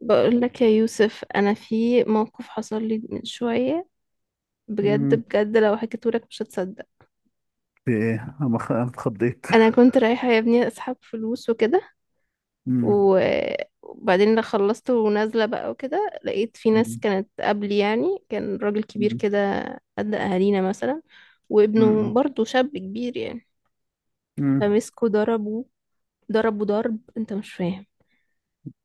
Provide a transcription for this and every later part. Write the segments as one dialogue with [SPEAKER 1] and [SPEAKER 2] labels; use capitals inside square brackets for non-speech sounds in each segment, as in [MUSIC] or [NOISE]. [SPEAKER 1] بقول لك يا يوسف، انا في موقف حصل لي من شويه. بجد
[SPEAKER 2] مم.
[SPEAKER 1] بجد لو حكيته لك مش هتصدق.
[SPEAKER 2] في ايه؟ أنا اتخضيت.
[SPEAKER 1] انا كنت رايحه يا ابني اسحب فلوس وكده
[SPEAKER 2] مم.
[SPEAKER 1] و- وبعدين لما خلصت ونازله بقى وكده لقيت في ناس
[SPEAKER 2] مم.
[SPEAKER 1] كانت قبلي، يعني، كان راجل كبير
[SPEAKER 2] مم.
[SPEAKER 1] كده قد اهالينا مثلا، وابنه
[SPEAKER 2] مم.
[SPEAKER 1] برضه شاب كبير يعني.
[SPEAKER 2] مم.
[SPEAKER 1] فمسكوا ضربوا، ضربوا ضرب انت مش فاهم.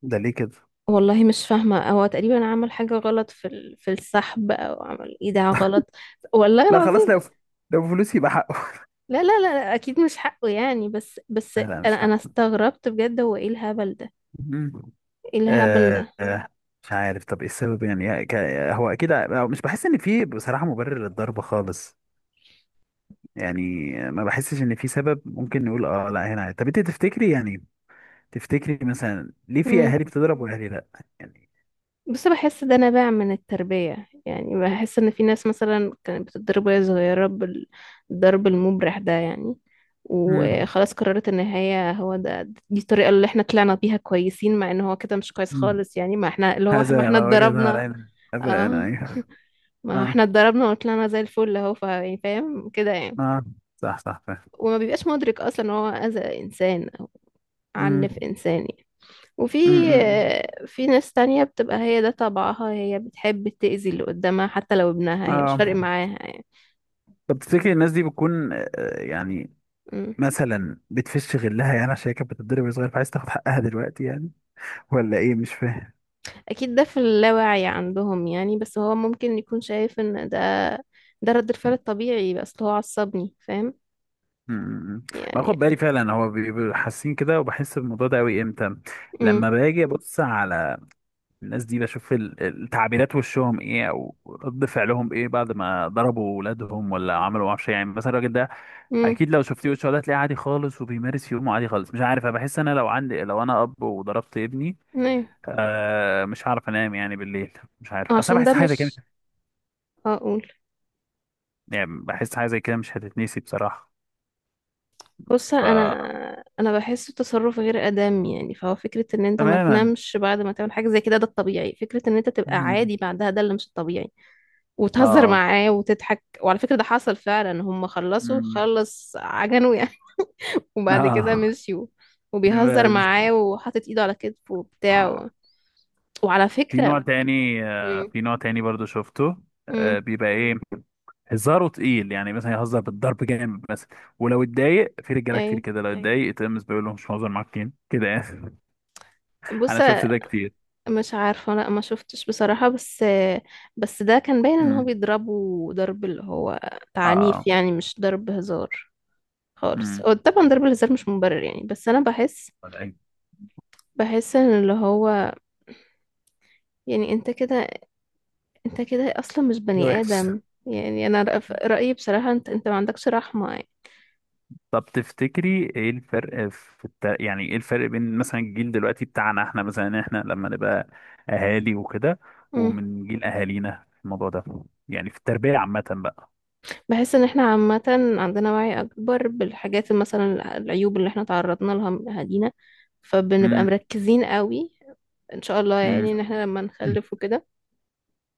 [SPEAKER 2] ده ليه كده؟
[SPEAKER 1] والله مش فاهمه، هو تقريبا عمل حاجه غلط في في السحب او عمل ايداع غلط. والله
[SPEAKER 2] لا، خلاص.
[SPEAKER 1] العظيم.
[SPEAKER 2] لو فلوس يبقى حقه.
[SPEAKER 1] لا لا لا اكيد مش حقه يعني، بس بس
[SPEAKER 2] لا، لا،
[SPEAKER 1] انا
[SPEAKER 2] مش
[SPEAKER 1] انا
[SPEAKER 2] حقه.
[SPEAKER 1] استغربت بجد، هو ايه الهبل ده؟
[SPEAKER 2] مم.
[SPEAKER 1] ايه الهبل
[SPEAKER 2] آه،
[SPEAKER 1] ده؟
[SPEAKER 2] آه، مش عارف. طب، ايه السبب؟ هو اكيد، مش بحس ان في بصراحة مبرر للضرب خالص. يعني ما بحسش ان في سبب ممكن نقول اه لا هنا. طب، انت تفتكري مثلا ليه في
[SPEAKER 1] امم
[SPEAKER 2] اهالي بتضرب واهالي لا؟ يعني
[SPEAKER 1] بس بحس ده نابع من التربية، يعني بحس ان في ناس مثلا كانت بتتضرب وهي صغيرة بالضرب المبرح ده يعني،
[SPEAKER 2] مم.
[SPEAKER 1] وخلاص قررت ان هي هو ده. دي الطريقة اللي احنا طلعنا بيها كويسين، مع ان هو كده مش كويس
[SPEAKER 2] مم.
[SPEAKER 1] خالص يعني. ما احنا اللي هو ما
[SPEAKER 2] هذا
[SPEAKER 1] احنا
[SPEAKER 2] ما وجدها
[SPEAKER 1] اتضربنا.
[SPEAKER 2] علينا اباءنا.
[SPEAKER 1] اه
[SPEAKER 2] ايوه،
[SPEAKER 1] ما احنا
[SPEAKER 2] اه،
[SPEAKER 1] اتضربنا وطلعنا زي الفل، اهو يعني فاهم كده يعني.
[SPEAKER 2] اه، صح، صح، فاهم.
[SPEAKER 1] وما بيبقاش مدرك اصلا ان هو اذى انسان،
[SPEAKER 2] امم
[SPEAKER 1] عنف إنسان يعني. وفي،
[SPEAKER 2] امم
[SPEAKER 1] في ناس تانية بتبقى هي ده طبعها، هي بتحب تأذي اللي قدامها حتى لو ابنها هي مش
[SPEAKER 2] اه.
[SPEAKER 1] فارق معاها يعني.
[SPEAKER 2] طب، تفتكر الناس دي بتكون، يعني
[SPEAKER 1] مم.
[SPEAKER 2] مثلا بتفش غلها؟ يعني عشان هي كانت بتتضرب وهي صغير، فعايز تاخد حقها دلوقتي يعني. ولا ايه؟ مش فاهم.
[SPEAKER 1] أكيد ده في اللاوعي عندهم يعني، بس هو ممكن يكون شايف إن ده ده رد الفعل الطبيعي، بس هو عصبني فاهم
[SPEAKER 2] امم باخد
[SPEAKER 1] يعني.
[SPEAKER 2] بالي فعلا. هو بيبقوا حاسين كده، وبحس بالموضوع ده قوي امتى؟
[SPEAKER 1] مم.
[SPEAKER 2] لما باجي ابص على الناس دي، بشوف التعبيرات وشهم ايه او رد فعلهم ايه بعد ما ضربوا ولادهم ولا عملوا معرفش إيه. يعني مثلا الراجل ده،
[SPEAKER 1] مم.
[SPEAKER 2] اكيد لو شفتيه وشه ده تلاقيه عادي خالص وبيمارس يومه عادي خالص. مش عارف، انا بحس انا لو عندي، لو انا اب وضربت ابني،
[SPEAKER 1] أيوة.
[SPEAKER 2] آه، مش هعرف انام يعني بالليل. مش عارف، اصل أنا
[SPEAKER 1] عشان ده
[SPEAKER 2] بحس حاجه زي كده.
[SPEAKER 1] مش أقول،
[SPEAKER 2] يعني بحس حاجه زي كده مش هتتنسي بصراحه.
[SPEAKER 1] بص
[SPEAKER 2] ف
[SPEAKER 1] انا، انا بحس التصرف غير ادم يعني. فهو فكره ان انت ما
[SPEAKER 2] تماما.
[SPEAKER 1] تنامش بعد ما تعمل حاجه زي كده ده الطبيعي، فكره ان انت تبقى
[SPEAKER 2] مم.
[SPEAKER 1] عادي بعدها ده اللي مش الطبيعي. وتهزر
[SPEAKER 2] اه.
[SPEAKER 1] معاه وتضحك. وعلى فكره ده حصل فعلا، هم خلصوا
[SPEAKER 2] مم.
[SPEAKER 1] خلص عجنوا يعني [LAUGHS] وبعد كده
[SPEAKER 2] اه.
[SPEAKER 1] مشيوا، وبيهزر
[SPEAKER 2] بس
[SPEAKER 1] معاه وحاطط ايده على كتفه
[SPEAKER 2] آه.
[SPEAKER 1] وبتاع. وعلى
[SPEAKER 2] في
[SPEAKER 1] فكره.
[SPEAKER 2] نوع تاني، آه،
[SPEAKER 1] امم
[SPEAKER 2] في نوع تاني برضو شفته.
[SPEAKER 1] امم
[SPEAKER 2] آه، بيبقى ايه؟ هزاره تقيل، يعني مثلا يهزر بالضرب جامد مثلا. ولو اتضايق في رجاله كتير
[SPEAKER 1] ايوه،
[SPEAKER 2] كده، لو ايوه اتضايق، تقوم بيقول له مش مهزر معاك كده كده يعني.
[SPEAKER 1] بص
[SPEAKER 2] انا شفت ده كتير.
[SPEAKER 1] مش عارفة، لا ما شفتش بصراحة، بس بس ده كان باين ان هو
[SPEAKER 2] امم
[SPEAKER 1] بيضربه ضرب اللي هو
[SPEAKER 2] اه.
[SPEAKER 1] تعنيف يعني، مش ضرب هزار خالص.
[SPEAKER 2] امم
[SPEAKER 1] هو طبعا ضرب الهزار مش مبرر يعني، بس انا بحس،
[SPEAKER 2] ده
[SPEAKER 1] بحس ان اللي هو، يعني انت كده، انت كده اصلا مش
[SPEAKER 2] ده
[SPEAKER 1] بني
[SPEAKER 2] وحش.
[SPEAKER 1] ادم يعني. انا رأيي بصراحة انت، انت ما عندكش رحمة يعني.
[SPEAKER 2] طب، تفتكري ايه الفرق في يعني ايه الفرق بين مثلا الجيل دلوقتي بتاعنا، احنا مثلا احنا لما نبقى اهالي وكده،
[SPEAKER 1] مم.
[SPEAKER 2] ومن جيل اهالينا في الموضوع ده؟ يعني في التربية عامة بقى.
[SPEAKER 1] بحس ان احنا عامة عندنا وعي اكبر بالحاجات، مثلا العيوب اللي احنا تعرضنا لها من اهالينا، فبنبقى
[SPEAKER 2] امم
[SPEAKER 1] مركزين قوي ان شاء الله
[SPEAKER 2] امم
[SPEAKER 1] يعني، ان احنا لما نخلف وكده.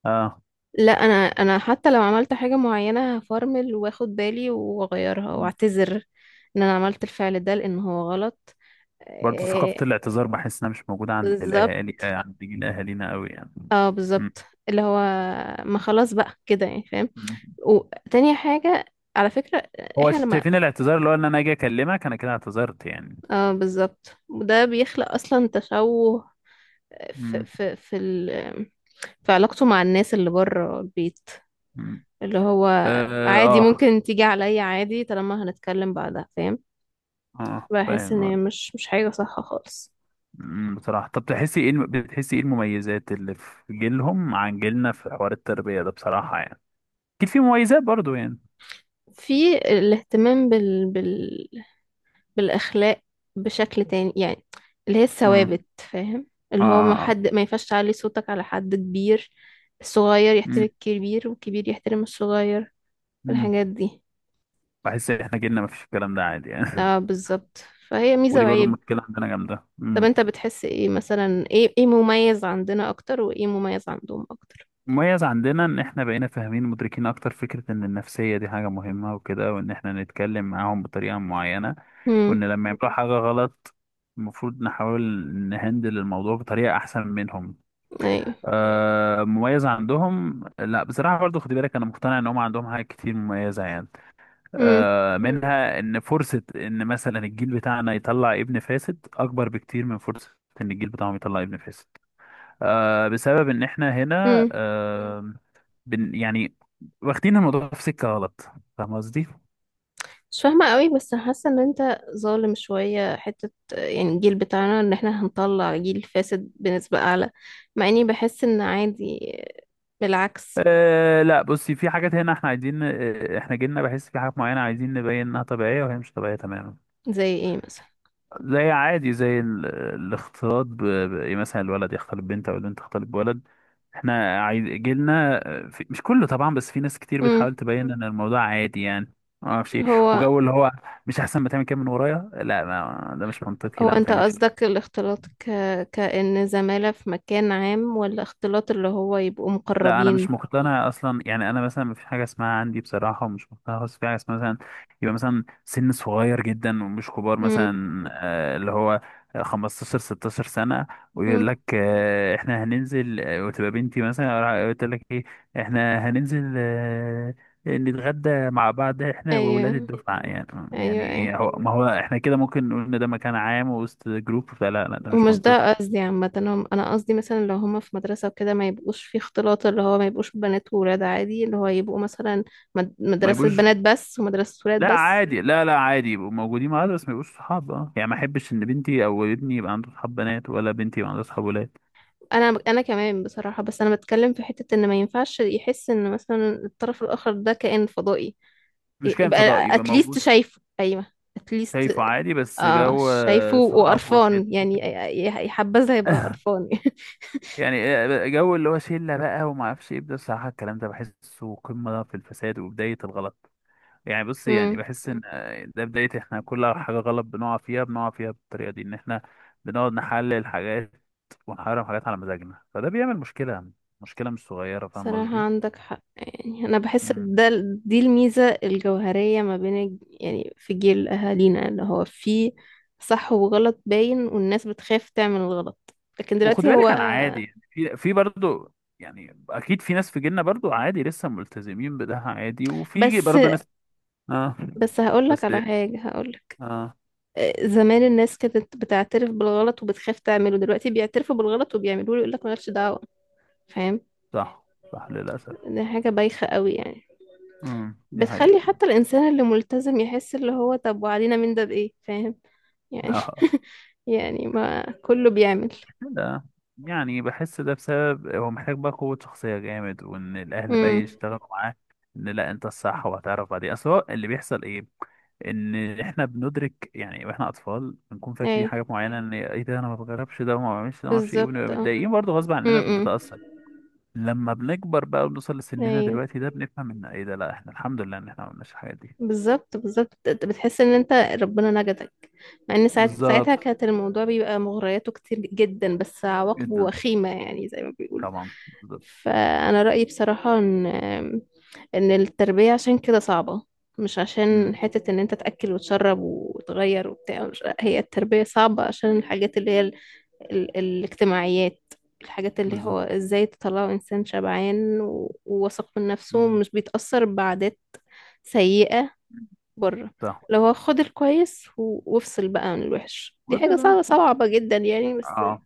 [SPEAKER 2] اه،
[SPEAKER 1] لا انا، انا حتى لو عملت حاجة معينة هفرمل واخد بالي واغيرها واعتذر ان انا عملت الفعل ده لان هو غلط.
[SPEAKER 2] برضه ثقافة
[SPEAKER 1] إيه،
[SPEAKER 2] الاعتذار بحس انها مش موجودة عند الاهالي،
[SPEAKER 1] بالظبط،
[SPEAKER 2] عند جيل اهالينا قوي يعني.
[SPEAKER 1] اه
[SPEAKER 2] م.
[SPEAKER 1] بالظبط. اللي هو ما خلاص بقى كده يعني فاهم.
[SPEAKER 2] امم
[SPEAKER 1] وتاني حاجة، على فكرة،
[SPEAKER 2] هو
[SPEAKER 1] احنا لما،
[SPEAKER 2] شايفين الاعتذار اللي هو ان انا اجي اكلمك انا، كده اعتذرت يعني؟
[SPEAKER 1] اه بالظبط، وده بيخلق اصلا تشوه في
[SPEAKER 2] مم.
[SPEAKER 1] في في, ال... في علاقته مع الناس اللي بره البيت،
[SPEAKER 2] مم.
[SPEAKER 1] اللي هو
[SPEAKER 2] اه،
[SPEAKER 1] عادي
[SPEAKER 2] اه،
[SPEAKER 1] ممكن تيجي عليا عادي طالما هنتكلم بعدها فاهم.
[SPEAKER 2] آه،
[SPEAKER 1] بحس
[SPEAKER 2] فاهم،
[SPEAKER 1] ان
[SPEAKER 2] آه.
[SPEAKER 1] هي مش، مش حاجة صح خالص.
[SPEAKER 2] بصراحة، طب تحسي ايه بتحسي ايه المميزات اللي في جيلهم عن جيلنا في حوار التربية ده بصراحة يعني؟ اكيد في مميزات برضو يعني.
[SPEAKER 1] في الاهتمام بال... بال... بالاخلاق بشكل تاني يعني، اللي هي
[SPEAKER 2] امم
[SPEAKER 1] الثوابت فاهم.
[SPEAKER 2] اه،
[SPEAKER 1] اللي هو ما
[SPEAKER 2] آه، آه.
[SPEAKER 1] حد، ما ينفعش تعلي صوتك على حد كبير. الصغير يحترم
[SPEAKER 2] أمم،
[SPEAKER 1] الكبير والكبير يحترم الصغير،
[SPEAKER 2] أمم.
[SPEAKER 1] الحاجات دي.
[SPEAKER 2] بحس احنا جيلنا مفيش الكلام ده عادي يعني.
[SPEAKER 1] اه
[SPEAKER 2] [LAUGHS]
[SPEAKER 1] بالظبط، فهي ميزة
[SPEAKER 2] ودي برضو
[SPEAKER 1] وعيب.
[SPEAKER 2] مشكلة عندنا جامدة.
[SPEAKER 1] طب انت بتحس ايه، مثلا ايه، ايه مميز عندنا اكتر وايه مميز عندهم اكتر؟
[SPEAKER 2] مميز عندنا ان احنا بقينا فاهمين مدركين اكتر فكرة ان النفسية دي حاجة مهمة وكده، وان احنا نتكلم معاهم بطريقة معينة،
[SPEAKER 1] امم
[SPEAKER 2] وان لما يعملوا حاجة غلط المفروض نحاول نهندل الموضوع بطريقة احسن منهم.
[SPEAKER 1] ايوه،
[SPEAKER 2] آه مميز عندهم، لا بصراحة برضو خدي بالك، انا مقتنع ان هم عندهم حاجات كتير مميزة يعني.
[SPEAKER 1] امم
[SPEAKER 2] آه مم. منها ان فرصة ان مثلا الجيل بتاعنا يطلع ابن فاسد اكبر بكتير من فرصة ان الجيل بتاعهم يطلع ابن فاسد. آه بسبب ان احنا هنا،
[SPEAKER 1] امم
[SPEAKER 2] آه بن يعني، واخدين الموضوع في سكة غلط. فاهم قصدي؟
[SPEAKER 1] مش فاهمة قوي، بس حاسة ان انت ظالم شوية حتة يعني، الجيل بتاعنا ان احنا هنطلع جيل فاسد بنسبة اعلى، مع اني بحس ان عادي، بالعكس.
[SPEAKER 2] أه لا، بصي، في حاجات هنا احنا عايزين، احنا جيلنا بحس في حاجات معينة عايزين نبين انها طبيعية وهي مش طبيعية تماما.
[SPEAKER 1] زي ايه مثلا؟
[SPEAKER 2] زي عادي، زي الاختلاط إيه، مثلا الولد يختلط ببنت او البنت تختلط بولد. احنا عايز جيلنا، مش كله طبعا، بس في ناس كتير
[SPEAKER 1] امم
[SPEAKER 2] بتحاول تبين ان الموضوع عادي يعني ما اعرفش إيه.
[SPEAKER 1] هو
[SPEAKER 2] وجو اللي هو مش احسن ما تعمل كده من ورايا، لا ما... ده مش منطقي،
[SPEAKER 1] هو
[SPEAKER 2] لا ما
[SPEAKER 1] انت
[SPEAKER 2] تعملش.
[SPEAKER 1] قصدك الاختلاط كأن زمالة في مكان عام ولا اختلاط اللي هو يبقوا
[SPEAKER 2] لا، انا
[SPEAKER 1] مقربين؟
[SPEAKER 2] مش مقتنع اصلا، يعني انا مثلا مفيش حاجه اسمها عندي بصراحه، ومش مقتنع خالص في حاجه اسمها مثلا يبقى مثلا سن صغير جدا ومش كبار،
[SPEAKER 1] امم
[SPEAKER 2] مثلا اللي هو 15 16 سنه،
[SPEAKER 1] امم
[SPEAKER 2] ويقول لك، احنا هننزل، وتبقى بنتي مثلا قلت لك ايه، احنا هننزل، نتغدى مع بعض احنا
[SPEAKER 1] ايوه،
[SPEAKER 2] وولاد الدفعه يعني. يعني
[SPEAKER 1] ايوه ايوه.
[SPEAKER 2] ايه، هو ما هو احنا كده ممكن نقول ان ده مكان عام وسط جروب؟ فلا، لا، ده مش
[SPEAKER 1] ومش ده
[SPEAKER 2] منطقي.
[SPEAKER 1] قصدي عامة، أنا قصدي مثلا لو هما في مدرسة وكده ما يبقوش في اختلاط، اللي هو ما يبقوش بنات وولاد عادي، اللي هو يبقوا مثلا
[SPEAKER 2] ما
[SPEAKER 1] مدرسة
[SPEAKER 2] يبقوش،
[SPEAKER 1] بنات بس ومدرسة ولاد
[SPEAKER 2] لا
[SPEAKER 1] بس.
[SPEAKER 2] عادي، لا، لا، عادي يبقوا موجودين معايا، بس ما يبقوش صحاب. اه يعني ما احبش ان بنتي او ابني يبقى عنده صحاب بنات، ولا بنتي يبقى عندها صحاب ولاد.
[SPEAKER 1] أنا، أنا كمان بصراحة، بس أنا بتكلم في حتة إن ما ينفعش يحس إن مثلا الطرف الآخر ده كائن فضائي.
[SPEAKER 2] مش كائن فضائي،
[SPEAKER 1] يبقى
[SPEAKER 2] يبقى
[SPEAKER 1] أتليست
[SPEAKER 2] موجود،
[SPEAKER 1] شايفه، أيوه أتليست.
[SPEAKER 2] شايفه عادي، بس
[SPEAKER 1] آه
[SPEAKER 2] جو،
[SPEAKER 1] شايفه
[SPEAKER 2] صحاب وشله
[SPEAKER 1] وقرفان يعني،
[SPEAKER 2] وكده.
[SPEAKER 1] يحبذها يبقى
[SPEAKER 2] [LAUGHS]
[SPEAKER 1] قرفان.
[SPEAKER 2] يعني، جو اللي هو شله بقى وما اعرفش ايه ده، الصراحه الكلام ده بحسه قمه في الفساد وبدايه الغلط. يعني بص، يعني
[SPEAKER 1] [LAUGHS]
[SPEAKER 2] بحس ان ده بداية. احنا كل حاجة غلط بنقع فيها، بنقع فيها بالطريقة دي، ان احنا بنقعد نحلل حاجات ونحرم حاجات على مزاجنا، فده بيعمل مشكلة، مشكلة مش صغيرة. فاهم
[SPEAKER 1] صراحة
[SPEAKER 2] قصدي؟
[SPEAKER 1] عندك حق يعني، أنا بحس
[SPEAKER 2] مم.
[SPEAKER 1] ده دي الميزة الجوهرية ما بين يعني في جيل أهالينا اللي هو فيه صح وغلط باين، والناس بتخاف تعمل الغلط. لكن
[SPEAKER 2] وخد
[SPEAKER 1] دلوقتي هو،
[SPEAKER 2] بالك انا عادي، يعني في برضه، يعني اكيد في ناس في جيلنا برضه عادي لسه ملتزمين بده عادي، وفي
[SPEAKER 1] بس
[SPEAKER 2] برضه ناس. اه.
[SPEAKER 1] بس هقولك
[SPEAKER 2] بس.
[SPEAKER 1] على حاجة، هقولك،
[SPEAKER 2] اه،
[SPEAKER 1] آه، زمان الناس كانت بتعترف بالغلط وبتخاف تعمله. دلوقتي بيعترفوا بالغلط وبيعملوه، يقولك مالكش دعوة، فاهم.
[SPEAKER 2] صح، صح، للأسف.
[SPEAKER 1] دي حاجة بايخة قوي يعني،
[SPEAKER 2] مم. دي
[SPEAKER 1] بتخلي
[SPEAKER 2] حقيقة.
[SPEAKER 1] حتى الإنسان اللي ملتزم يحس اللي هو طب وعلينا من ده بإيه، فاهم يعني.
[SPEAKER 2] [LAUGHS]
[SPEAKER 1] [LAUGHS] يعني ما كله بيعمل.
[SPEAKER 2] لا يعني بحس ده بسبب هو محتاج بقى قوة شخصية جامد، وإن الأهل بقى
[SPEAKER 1] امم
[SPEAKER 2] يشتغلوا معاه، إن لا أنت الصح وهتعرف بعدين. أصل هو اللي بيحصل إيه، إن إحنا بندرك يعني وإحنا أطفال بنكون فاكرين
[SPEAKER 1] ايوه
[SPEAKER 2] حاجات معينة، إن إيه ده، أنا ما بجربش ده وما بعملش ده وما أعرفش إيه. وبنبقى
[SPEAKER 1] بالظبط اه.
[SPEAKER 2] متضايقين برضه غصب عننا
[SPEAKER 1] امم
[SPEAKER 2] بنتأثر. لما بنكبر بقى وبنوصل لسننا
[SPEAKER 1] ايوه،
[SPEAKER 2] دلوقتي ده، بنفهم إن إيه ده، لا إحنا الحمد لله إن إحنا ما عملناش الحاجات دي.
[SPEAKER 1] بالظبط بالظبط، بتحس ان انت ربنا نجدك، مع ان ساعتها
[SPEAKER 2] بالظبط.
[SPEAKER 1] كانت الموضوع بيبقى مغرياته كتير جدا، بس عواقبه
[SPEAKER 2] جدا.
[SPEAKER 1] وخيمة يعني زي ما بيقولوا.
[SPEAKER 2] طبعا. بالظبط.
[SPEAKER 1] فانا رأيي بصراحة ان، ان التربية عشان كده صعبة، مش عشان
[SPEAKER 2] مم.
[SPEAKER 1] حتة ان انت تأكل وتشرب وتغير وبتاع هي التربية صعبة عشان الحاجات اللي هي ال... ال... الاجتماعيات، الحاجات اللي هو
[SPEAKER 2] بالظبط.
[SPEAKER 1] ازاي تطلعوا انسان شبعان و، وواثق من نفسه
[SPEAKER 2] مم.
[SPEAKER 1] ومش بيتأثر بعادات سيئة بره.
[SPEAKER 2] صح.
[SPEAKER 1] لو هو خد الكويس و، وافصل بقى عن الوحش، دي
[SPEAKER 2] ويبقى
[SPEAKER 1] حاجة
[SPEAKER 2] ده
[SPEAKER 1] صعبة
[SPEAKER 2] صح.
[SPEAKER 1] صعبة جدا يعني. بس،
[SPEAKER 2] اه.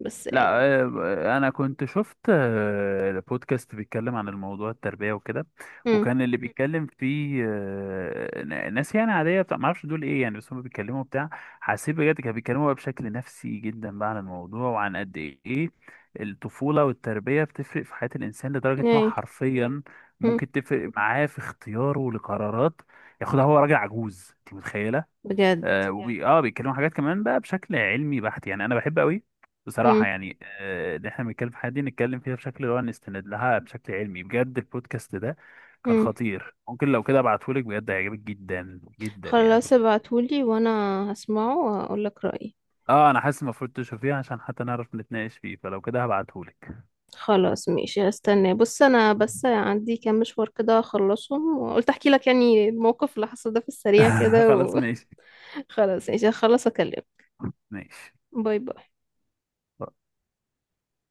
[SPEAKER 1] بس
[SPEAKER 2] لا،
[SPEAKER 1] يعني،
[SPEAKER 2] انا كنت شفت، بودكاست بيتكلم عن الموضوع التربية وكده،
[SPEAKER 1] امم
[SPEAKER 2] وكان اللي مم. بيتكلم فيه، ناس يعني عادية بتاع ما اعرفش دول ايه يعني بس هم بيتكلموا بتاع. حسيت بجد كانوا بيتكلموا بقى بشكل نفسي جدا بقى عن الموضوع، وعن قد ايه الطفولة والتربية بتفرق في حياة الانسان، لدرجة ان هو
[SPEAKER 1] ايه.
[SPEAKER 2] حرفيا
[SPEAKER 1] امم
[SPEAKER 2] ممكن تفرق معاه في اختياره لقرارات ياخدها هو راجل عجوز، انت متخيلة؟
[SPEAKER 1] بجد؟
[SPEAKER 2] آه يعني، وبي اه بيتكلموا حاجات كمان بقى بشكل علمي بحت، يعني انا بحب قوي بصراحه يعني، ان احنا بنتكلم في حاجه دي نتكلم فيها بشكل اللي هو نستند لها بشكل علمي بجد. البودكاست ده كان
[SPEAKER 1] امم
[SPEAKER 2] خطير، ممكن لو كده ابعتهولك، بجد هيعجبك جدا جدا يعني.
[SPEAKER 1] خلاص ابعتولي وانا هسمعه واقولك رأيي.
[SPEAKER 2] اه انا حاسس المفروض تشوفيه عشان حتى نعرف نتناقش فيه، فلو كده هبعتهولك.
[SPEAKER 1] خلاص ماشي هستناه. بص انا بس عندي كام مشوار كده اخلصهم، وقلت احكي لك يعني الموقف اللي حصل ده في السريع
[SPEAKER 2] [LAUGHS]
[SPEAKER 1] كده،
[SPEAKER 2] خلاص، ماشي.
[SPEAKER 1] وخلاص [LAUGHS] ماشي هخلص اكلمك.
[SPEAKER 2] ماشي.
[SPEAKER 1] باي باي.